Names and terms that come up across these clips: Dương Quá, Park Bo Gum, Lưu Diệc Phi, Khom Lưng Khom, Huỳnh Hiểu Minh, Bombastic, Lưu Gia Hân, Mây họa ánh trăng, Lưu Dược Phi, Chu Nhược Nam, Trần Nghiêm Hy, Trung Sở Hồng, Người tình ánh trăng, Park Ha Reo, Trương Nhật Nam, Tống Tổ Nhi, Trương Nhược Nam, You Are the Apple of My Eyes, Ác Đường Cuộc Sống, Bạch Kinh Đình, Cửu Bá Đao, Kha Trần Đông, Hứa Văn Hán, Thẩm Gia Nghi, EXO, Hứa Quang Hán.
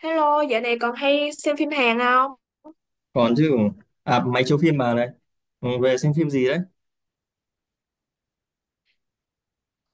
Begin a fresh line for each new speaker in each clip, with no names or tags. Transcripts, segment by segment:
Hello, dạo này còn hay xem phim Hàn không?
Còn chứ. À, máy chiếu phim mà này. Ừ, về xem phim gì đấy.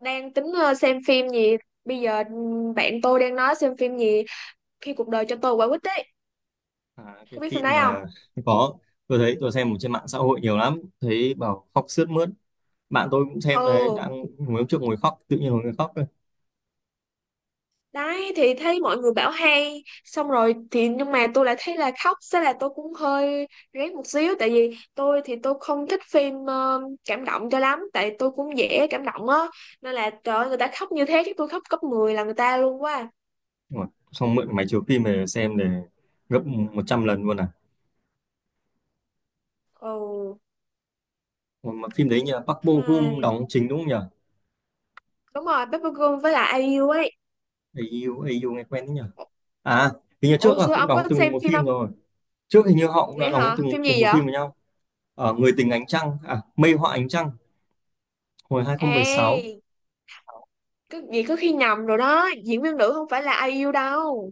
Đang tính xem phim gì? Bây giờ bạn tôi đang nói xem phim gì khi cuộc đời cho tôi quả quýt đấy.
À cái
Có biết phim
phim
đấy không?
mà có, tôi thấy tôi xem ở trên mạng xã hội nhiều lắm, thấy bảo khóc sướt mướt. Bạn tôi cũng xem đấy,
Ừ,
đang ngồi hôm trước ngồi khóc, tự nhiên ngồi ngồi khóc thôi.
đấy thì thấy mọi người bảo hay, xong rồi thì nhưng mà tôi lại thấy là khóc, thế là tôi cũng hơi rén một xíu tại vì tôi không thích phim cảm động cho lắm tại tôi cũng dễ cảm động á nên là trời ơi, người ta khóc như thế chứ tôi khóc gấp 10 là người ta luôn quá.
Nhưng mà xong mượn máy chiếu phim về xem để gấp 100 lần luôn à.
Ừ.
Mà phim đấy nhờ Park Bo Gum
Hai.
đóng chính đúng không nhờ?
Đúng rồi, Paper Girl với lại ai IU ấy.
AU, AU nghe quen đấy nhờ. À, hình như trước
Ủa
là
xưa
cũng
ông có
đóng từng
xem
một
phim không?
phim rồi. Trước hình như họ cũng đã
Thế
đóng
hả?
từng
Phim
cùng
gì
một
vậy?
phim với nhau ở Người tình ánh trăng, à Mây họa ánh trăng hồi 2016.
Ê, cứ gì cứ khi nhầm rồi đó, diễn viên nữ không phải là IU đâu.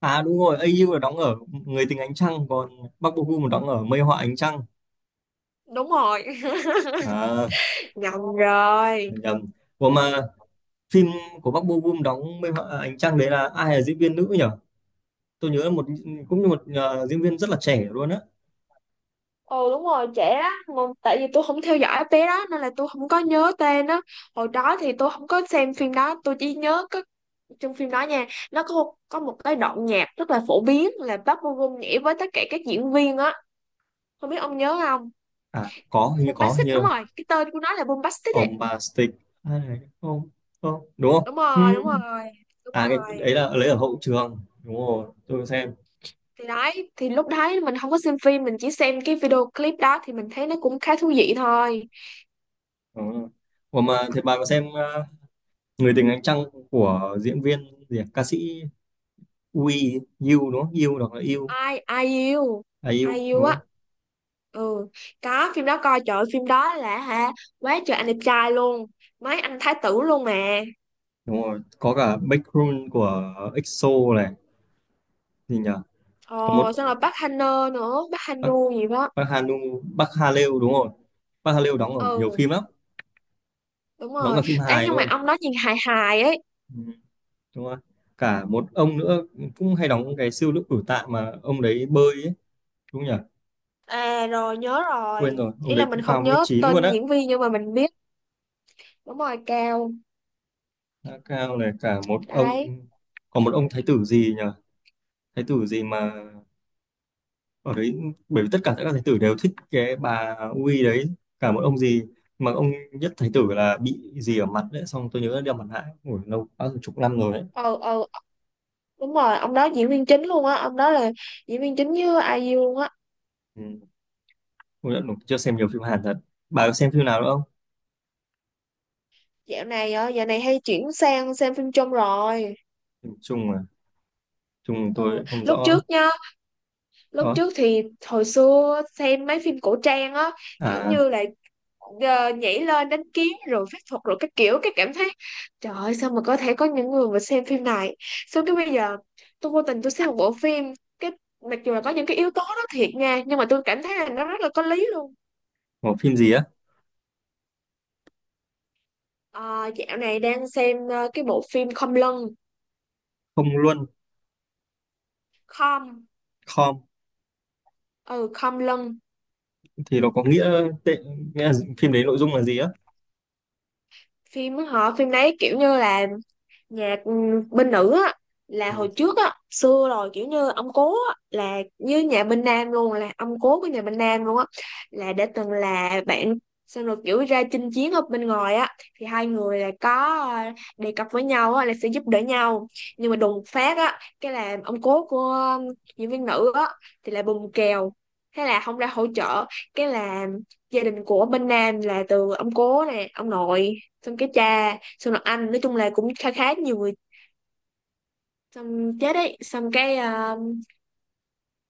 À đúng rồi, AU là đóng ở Người tình ánh trăng, còn Park Bo Gum đóng ở Mây họa ánh trăng.
Đúng rồi,
À
nhầm rồi.
nhầm. Ủa mà phim của Park Bo Gum đóng Mây họa ánh trăng đấy là ai là diễn viên nữ nhỉ? Tôi nhớ là một, cũng như một diễn viên rất là trẻ luôn á.
Ồ đúng rồi, trẻ á, mà tại vì tôi không theo dõi bé đó nên là tôi không có nhớ tên đó. Hồi đó thì tôi không có xem phim đó, tôi chỉ nhớ có trong phim đó nha, nó có một cái đoạn nhạc rất là phổ biến là Park Bo Gum nhảy với tất cả các diễn viên á. Không biết ông nhớ không?
À có hình như, có hình
Bombastic
như
đúng
là
rồi, cái tên của nó là Bombastic ấy.
ông bà Stick, ai này không, không đúng
Đúng
không? Ừ.
rồi, đúng rồi đúng
À cái
rồi
đấy là lấy ở hậu trường. Đúng rồi, tôi có xem.
Thì đấy thì lúc đấy mình không có xem phim, mình chỉ xem cái video clip đó thì mình thấy nó cũng khá thú vị thôi.
Đúng rồi. Ủa mà thế bà có xem Người tình ánh trăng của diễn viên gì à? Ca sĩ Wii yêu đúng không? Yêu, đọc là U.
Ai ai yêu,
À U
ai yêu
đúng
á,
không?
ừ, có phim đó coi, trời ơi, phim đó là hả, quá trời anh đẹp trai luôn, mấy anh thái tử luôn mà.
Đúng rồi có cả Backrun của EXO này, gì nhỉ, có một
Ồ xong rồi bác Hanơ nữa, bác
Park,
Hanu gì đó.
Park Hanu. Park Ha Reo đúng rồi. Park Ha Reo đóng ở nhiều
Ừ,
phim lắm,
đúng
đóng
rồi.
cả phim
Ấy
hài
nhưng mà
luôn.
ông đó nhìn hài hài ấy.
Ừ, đúng rồi. Cả một ông nữa cũng hay đóng cái siêu nữ cử tạ, mà ông đấy bơi ấy, đúng nhỉ?
À rồi nhớ
Quên
rồi,
rồi, ông
ý
đấy
là mình
cũng cao
không
một mét
nhớ
chín luôn
tên
á.
diễn viên nhưng mà mình biết. Đúng rồi, cao
Khá cao này cả một ông.
đấy.
Còn một ông thái tử gì nhỉ, thái tử gì mà ở đấy, bởi vì tất cả các thái tử đều thích cái bà Uy đấy. Cả một ông gì mà ông nhất thái tử là bị gì ở mặt đấy, xong tôi nhớ là đeo mặt nạ. Ngồi lâu quá rồi, chục năm rồi đấy.
Ờ ờ, đúng rồi, ông đó diễn viên chính luôn á, ông đó là diễn viên chính với IU luôn á.
Ừ, tôi chưa xem nhiều phim Hàn thật. Bà có xem phim nào nữa không?
Dạo này dạo này hay chuyển sang xem phim trung rồi.
Phim Trung à? Trung
Ừ,
tôi không
lúc
rõ
trước nhá, lúc
đó.
trước thì hồi xưa xem mấy phim cổ trang á, kiểu
À
như là nhảy lên đánh kiếm rồi phép thuật rồi các kiểu, cái cảm thấy trời ơi sao mà có thể có những người mà xem phim này. Xong cái bây giờ tôi vô tình tôi xem một bộ phim, cái mặc dù là có những cái yếu tố đó thiệt nha nhưng mà tôi cảm thấy là nó rất là có lý luôn.
có phim gì á?
Ờ, dạo này đang xem cái bộ phim Khom Lưng.
Không luôn.
Khom,
Com
ừ, Khom Lưng.
thì nó có nghĩa tệ, nghĩa là phim đấy nội dung là gì á?
Phim phim đấy kiểu như là nhạc, bên nữ á, là
Ừ.
hồi trước á, xưa rồi kiểu như ông cố á, là như nhà bên nam luôn, là ông cố của nhà bên nam luôn á, là đã từng là bạn, xong rồi kiểu ra chinh chiến ở bên ngoài á, thì hai người là có đề cập với nhau á là sẽ giúp đỡ nhau. Nhưng mà đùng phát á cái là ông cố của diễn viên nữ á thì là bùng kèo, thế là không ra hỗ trợ. Cái là gia đình của bên nam là từ ông cố nè ông nội xong cái cha xong rồi anh, nói chung là cũng khá khá nhiều người xong chết ấy, xong cái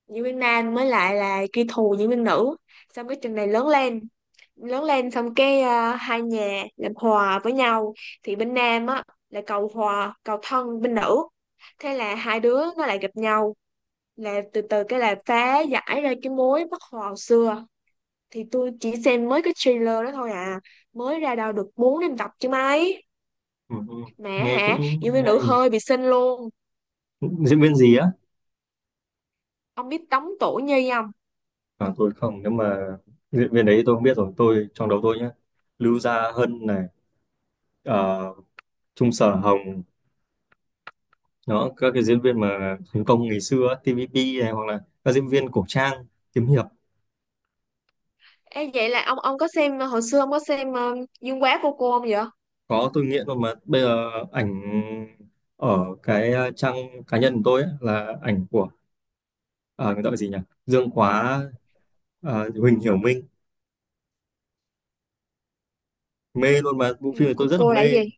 diễn viên nam mới lại là kẻ thù diễn viên nữ. Xong cái chừng này lớn lên, xong cái hai nhà làm hòa với nhau, thì bên nam á là cầu hòa cầu thân bên nữ, thế là hai đứa nó lại gặp nhau, là từ từ cái là phá giải ra cái mối bất hòa xưa. Thì tôi chỉ xem mới cái trailer đó thôi à, mới ra đâu được 4 năm tập chứ mấy.
Ừ. Ừ.
Mẹ
Nghe
hả,
cũng
diễn
hay
viên nữ
hay nhỉ.
hơi bị xinh luôn.
Diễn viên gì á?
Ông biết Tống Tổ Nhi không?
À, tôi không, nếu mà diễn viên đấy tôi không biết rồi. Tôi trong đầu tôi nhá, Lưu Gia Hân này, ờ, Trung Sở Hồng đó, các cái diễn viên mà thành công ngày xưa á, TVP này, hoặc là các diễn viên cổ trang, kiếm hiệp.
Ê, vậy là ông có xem hồi xưa ông có xem Dương Quá cô không vậy?
Có, tôi nghiện luôn. Mà bây giờ ảnh ở cái trang cá nhân của tôi ấy, là ảnh của ờ, người ta gọi gì nhỉ, Dương Quá, Huỳnh Hiểu Minh, mê luôn. Mà bộ
Ừ,
phim này tôi rất là
cô là cái
mê.
gì?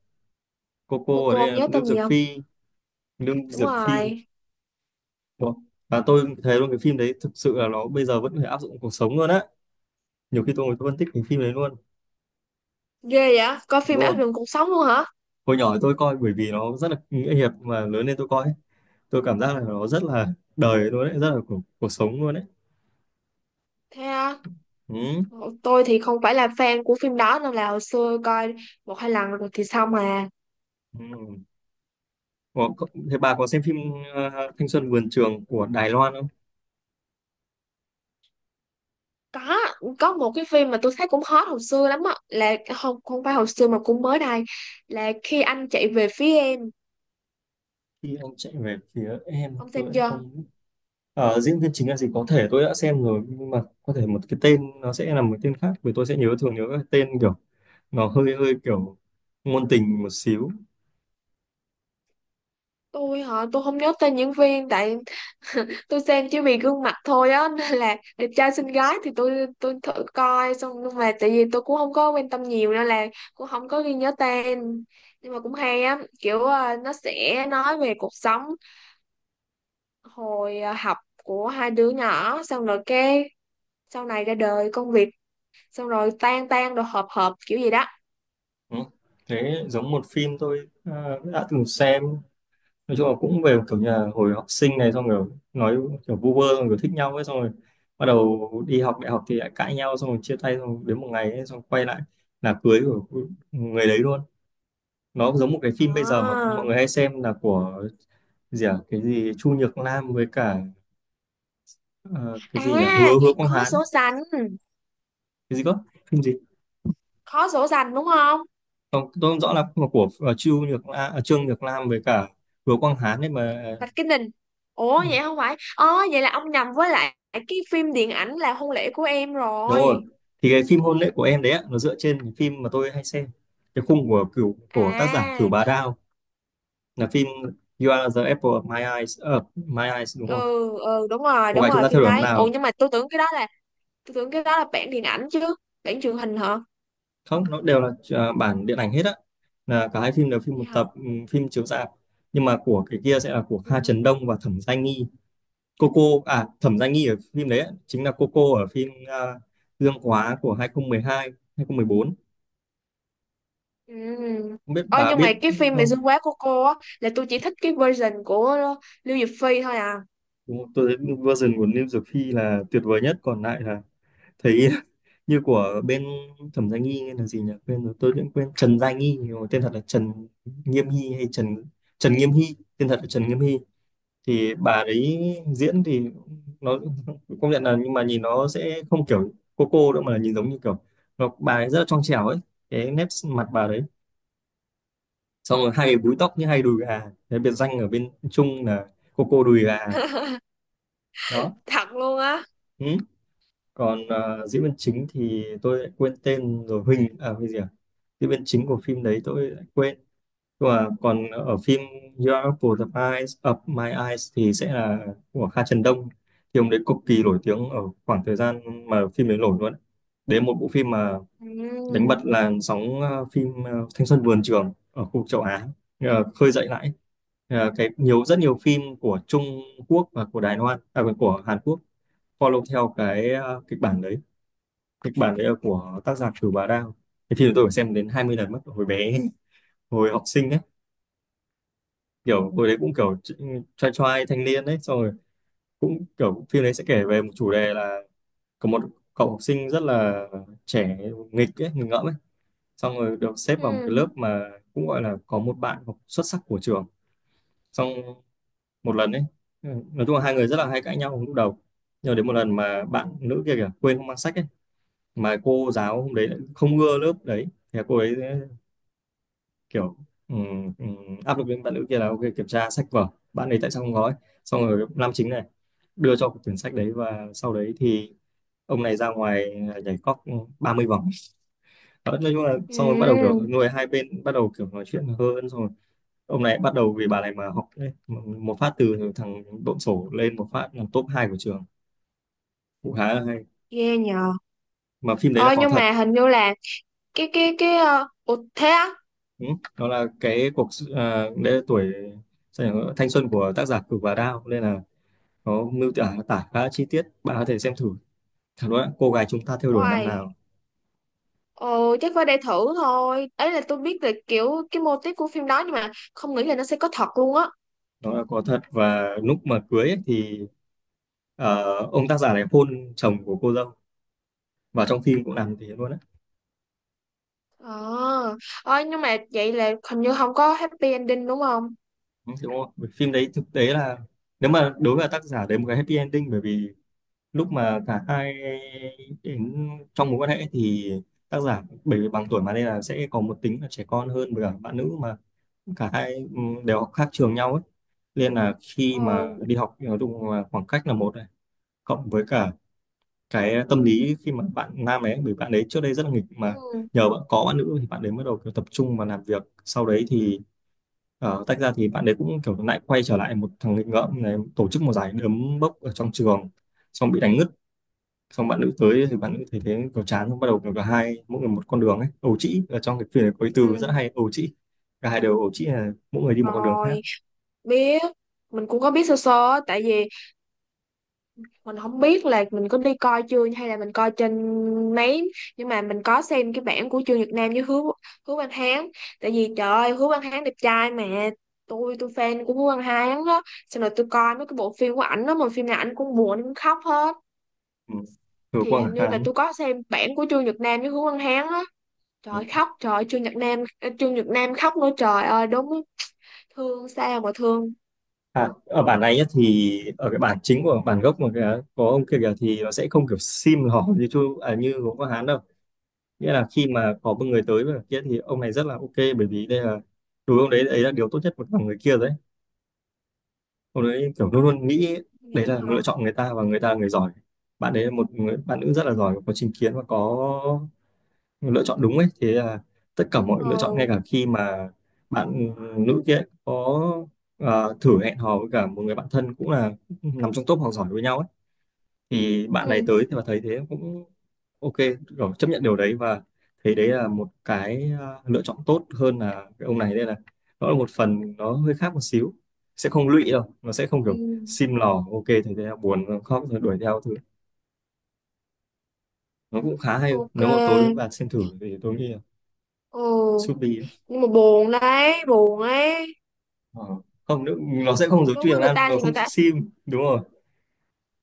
cô
cô
cô ở
cô
đây
ông
là
nhớ
Lưu
tên gì
Dược
không?
Phi. Lưu
Đúng
Dược Phi.
rồi.
Ủa, và tôi thấy luôn cái phim đấy thực sự là nó bây giờ vẫn có thể áp dụng cuộc sống luôn á. Nhiều khi tôi ngồi tôi phân tích cái phim đấy luôn.
Ghê vậy coi phim
Đúng rồi.
Ác Đường Cuộc Sống luôn hả?
Hồi nhỏ tôi coi bởi vì nó rất là nghĩa hiệp, mà lớn lên tôi coi ấy, tôi cảm giác là nó rất là đời luôn đấy, rất là cuộc sống luôn đấy.
Thế à?
Ừ.
Tôi thì không phải là fan của phim đó nên là hồi xưa coi một hai lần rồi thì xong à.
Ừ. Ủa, thế bà có xem phim ờ, Thanh xuân vườn trường của Đài Loan không?
có có một cái phim mà tôi thấy cũng hot hồi xưa lắm á là không, không phải hồi xưa mà cũng mới đây, là khi anh chạy về phía em.
Khi anh chạy về phía em
Ông
tôi
xem
lại
chưa?
không. Ờ, diễn viên chính là gì, có thể tôi đã xem rồi nhưng mà có thể một cái tên nó sẽ là một tên khác, vì tôi sẽ nhớ, thường nhớ cái tên kiểu, nó hơi hơi kiểu ngôn tình một xíu.
Tôi hả, tôi không nhớ tên diễn viên tại tôi xem chỉ vì gương mặt thôi á nên là đẹp trai xinh gái thì tôi thử coi xong, nhưng mà tại vì tôi cũng không có quan tâm nhiều nên là cũng không có ghi nhớ tên. Nhưng mà cũng hay á, kiểu nó sẽ nói về cuộc sống hồi học của hai đứa nhỏ, xong rồi cái sau này ra đời công việc, xong rồi tan tan rồi hợp hợp kiểu gì đó.
Ừ. Thế giống một phim tôi đã từng xem, nói chung là cũng về kiểu nhà hồi học sinh này, xong rồi nói kiểu vu vơ xong rồi thích nhau ấy, xong rồi bắt đầu đi học đại học thì lại cãi nhau, xong rồi chia tay, xong rồi đến một ngày ấy, xong quay lại là cưới của người đấy luôn. Nó giống một cái phim bây giờ mà
À,
mọi người hay xem là của gì à? Cái gì Chu Nhược Nam với cả ờ, cái gì nhỉ,
à
Hứa Hứa Quang
khó
Hán.
sổ sành,
Cái gì cơ, phim gì?
khó sổ sành đúng không?
Không, tôi không rõ lắm, mà của Chu Nhược Nam, à Trương Nhược Nam với cả Hứa Quang Hán đấy, mà
Bạch Kinh đình,
ừ,
ủa vậy không phải ờ, vậy là ông nhầm với lại cái phim điện ảnh là hôn lễ của em
đúng rồi.
rồi.
Thì cái phim hôn lễ của em đấy ạ, nó dựa trên cái phim mà tôi hay xem, cái khung của tác giả Cửu
À,
Bá Đao, là phim You Are the Apple of My Eyes. Ờ, My Eyes đúng không,
ừ, ừ đúng rồi,
cô gái chúng ta theo
phim
đuổi hôm
đấy, ủa
nào.
nhưng mà tôi tưởng cái đó là, tôi tưởng cái đó là bản điện ảnh chứ, bản truyền hình hả?
Không, nó đều là bản điện ảnh hết á, là cả hai phim đều phim một
Vậy hả?
tập, phim chiếu rạp. Nhưng mà của cái kia sẽ là của
Ừ.
Kha Trần Đông và Thẩm Gia Nghi. Coco, à Thẩm Gia Nghi ở phim đấy á, chính là Coco ở phim Gương Quá của 2012, 2014, không một bốn,
Ừ.
không biết
Ờ,
bà
nhưng
biết
mà cái phim mà
không.
Dương Quá của cô á là tôi chỉ thích cái version của Lưu Diệc Phi thôi à.
Đúng không? Tôi thấy version của Lim Dược Phi là tuyệt vời nhất, còn lại là thấy như của bên Thẩm Gia Nghi. Là gì nhỉ, quên rồi, tôi cũng quên. Trần Gia Nghi, nhưng mà tên thật là Nghiêm Hy, hay Trần Trần Nghiêm Hy, tên thật là Trần Nghiêm Hy. Thì bà ấy diễn thì nó công nhận là, nhưng mà nhìn nó sẽ không kiểu cô đâu, mà là nhìn giống như kiểu, nó, bà ấy rất là trong trẻo ấy, cái nét mặt bà đấy, xong rồi hay búi tóc như hay
Ừ.
đùi gà. Cái biệt danh ở bên Trung là cô đùi gà đó.
Thật luôn á.
Ừ. Còn diễn viên chính thì tôi lại quên tên rồi, Huỳnh à cái gì à, diễn viên chính của phim đấy tôi lại quên. Và còn ở phim Your Are Apple of My Eyes, Up My Eyes thì sẽ là của Kha Trần Đông, thì ông đấy cực kỳ nổi tiếng ở khoảng thời gian mà phim đấy nổi luôn đấy. Đấy là một bộ phim mà đánh
Ừ.
bật làn sóng phim thanh xuân vườn trường ở khu vực châu Á, khơi dậy lại. Ờ, nhiều rất nhiều phim của Trung Quốc và của Đài Loan, à quên, của Hàn Quốc follow theo cái kịch bản đấy. Kịch bản đấy là của tác giả Cửu Bà Đao. Thì phim này tôi phải xem đến 20 lần mất hồi bé, hồi học sinh, kiểu hồi đấy cũng kiểu trai trai thanh niên đấy, xong rồi cũng kiểu phim đấy sẽ kể về một chủ đề là có một cậu học sinh rất là trẻ, nghịch ấy, nghịch ngợm ấy, xong rồi được xếp vào một
Ừ.
cái lớp mà cũng gọi là có một bạn học xuất sắc của trường. Xong một lần ấy, ừ, nói chung là hai người rất là hay cãi nhau lúc đầu, nhưng đến một lần mà bạn nữ kia kìa quên không mang sách ấy, mà cô giáo hôm đấy lại không ưa lớp đấy, thì cô ấy kiểu, ừ, ừ, áp lực lên bạn nữ kia là ok kiểm tra sách vở, bạn ấy tại sao không có ấy. Xong rồi nam chính này đưa cho quyển sách đấy, và sau đấy thì ông này ra ngoài, à nhảy cóc 30 vòng. Đó, nói chung là xong rồi bắt đầu kiểu
Ừ.
người hai bên bắt đầu kiểu nói chuyện hơn, xong rồi ông này bắt đầu vì bà này mà học đấy, một phát từ thằng độn sổ lên một phát là top 2 của trường. Cũng khá là hay.
Ghê nhờ.
Mà phim đấy là
Ờ
có
nhưng
thật.
mà hình như là cái ủa thế á.
Ừ. Đó là cái à, đấy là tuổi sao nhỉ, thanh xuân của tác giả Cửu và Đao, nên là nó tả tả khá chi tiết, bạn có thể xem thử. Thật đó, cô gái chúng ta theo đuổi năm
Oài,
nào.
ồ chắc phải để thử thôi. Ấy là tôi biết là kiểu cái mô típ của phim đó nhưng mà không nghĩ là nó sẽ có thật luôn á.
Nó là có thật, và lúc mà cưới ấy, thì ông tác giả này hôn chồng của cô dâu, và trong phim cũng làm thế luôn á.
Ờ, à, nhưng mà vậy là hình như không có happy ending đúng không?
Ừ, đúng không? Bởi phim đấy thực tế là nếu mà đối với tác giả đấy một cái happy ending, bởi vì lúc mà cả hai đến trong mối quan hệ thì tác giả bởi vì bằng tuổi mà, nên là sẽ có một tính là trẻ con hơn với cả bạn nữ mà. Cả hai đều học khác trường nhau ấy, nên là khi mà
Ồ,
đi học thì nói chung là khoảng cách là một này, cộng với cả cái tâm lý khi mà bạn nam ấy, bởi bạn ấy trước đây rất là nghịch mà,
ừ,
nhờ bạn có bạn nữ thì bạn ấy bắt đầu kiểu tập trung vào làm việc. Sau đấy thì tách ra thì bạn ấy cũng kiểu lại quay trở lại một thằng nghịch ngợm này, tổ chức một giải đấm bốc ở trong trường, xong bị đánh ngất, xong bạn nữ tới thì bạn nữ thấy thế kiểu chán, xong bắt đầu kiểu cả hai mỗi người một con đường ấy. Ẩu trĩ, ở trong cái phim này có cái từ rất
ừ.
hay, ẩu trĩ. Cả hai đều ẩu trĩ là mỗi người đi một con đường khác.
Rồi, biết. Mình cũng có biết sơ sơ á, tại vì mình không biết là mình có đi coi chưa hay là mình coi trên mấy, nhưng mà mình có xem cái bản của Trương Nhật Nam với Hứa Hứa Văn Hán, tại vì trời ơi Hứa Văn Hán đẹp trai mà. Tôi fan của Hứa Văn Hán á, xong rồi tôi coi mấy cái bộ phim của ảnh đó mà phim nào ảnh cũng buồn, ảnh cũng khóc hết.
Ừ. Từ
Thì
Quang
hình như là
Hán.
tôi có xem bản của Trương Nhật Nam với Hứa Văn Hán á, trời
Ừ.
ơi, khóc, trời ơi, Trương Nhật Nam, Trương Nhật Nam khóc nữa, trời ơi đúng, thương sao mà thương.
À, ở bản này nhá, thì ở cái bản chính của bản gốc mà cái, có ông kia kìa thì nó sẽ không kiểu sim hỏ như chú, à như gốm có Hán đâu. Nghĩa là khi mà có một người tới với cả kia thì ông này rất là ok, bởi vì đây là, đối với ông đấy đấy là điều tốt nhất của người kia rồi đấy. Ông đấy kiểu luôn luôn nghĩ đấy
Nghĩ
là
hả?
lựa chọn người ta, và người ta là người giỏi, bạn đấy là một người bạn nữ rất là giỏi, có trình kiến và có lựa chọn đúng ấy. Thế là tất cả mọi lựa chọn, ngay
Ừ.
cả khi mà bạn nữ kia có thử hẹn hò với cả một người bạn thân, cũng là nằm trong top học giỏi với nhau ấy, thì bạn
Ừ.
này tới thì mà thấy thế cũng ok, rồi chấp nhận điều đấy, và thấy đấy là một cái lựa chọn tốt hơn là cái ông này, nên là nó là một phần nó hơi khác một xíu, sẽ không lụy đâu, nó sẽ không kiểu
Ừ.
sim lò, ok thấy thế là buồn rồi khóc rồi đuổi theo thứ. Nó cũng khá hay,
Ok.
nếu mà tối bạn xem thử thì tôi nghĩ là
Ừ.
Subi.
Nhưng mà buồn đấy, buồn ấy.
Ờ. Không nữa, nó sẽ không giống
Đối
chui
với
Hàng
người
Nam,
ta
nó
thì người
không
ta,
sim đúng rồi.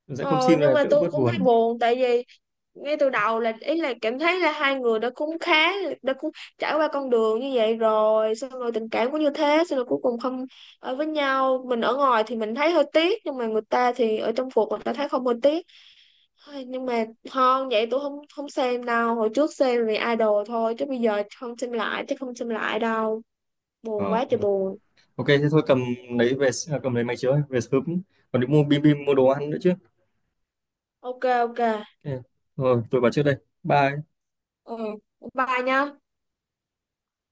Nó sẽ không
ờ
sim là
nhưng mà
đỡ
tôi
bớt
cũng thấy
buồn.
buồn tại vì ngay từ đầu là ý là cảm thấy là hai người đã cũng khá, đã cũng trải qua con đường như vậy rồi, xong rồi tình cảm cũng như thế, xong rồi cuối cùng không ở với nhau, mình ở ngoài thì mình thấy hơi tiếc nhưng mà người ta thì ở trong cuộc người ta thấy không hơi tiếc. Ai, nhưng mà không, vậy tôi không, không xem đâu, hồi trước xem vì idol thôi chứ bây giờ không xem lại, chứ không xem lại đâu, buồn
Ờ.
quá trời buồn.
Ok thế thôi, cầm lấy về, à cầm lấy máy chiếu ấy, về sớm còn đi mua bim bim mua đồ ăn nữa chứ.
Ok. Ok.
Ok. Rồi tôi vào trước đây, bye.
Ừ, bye nha.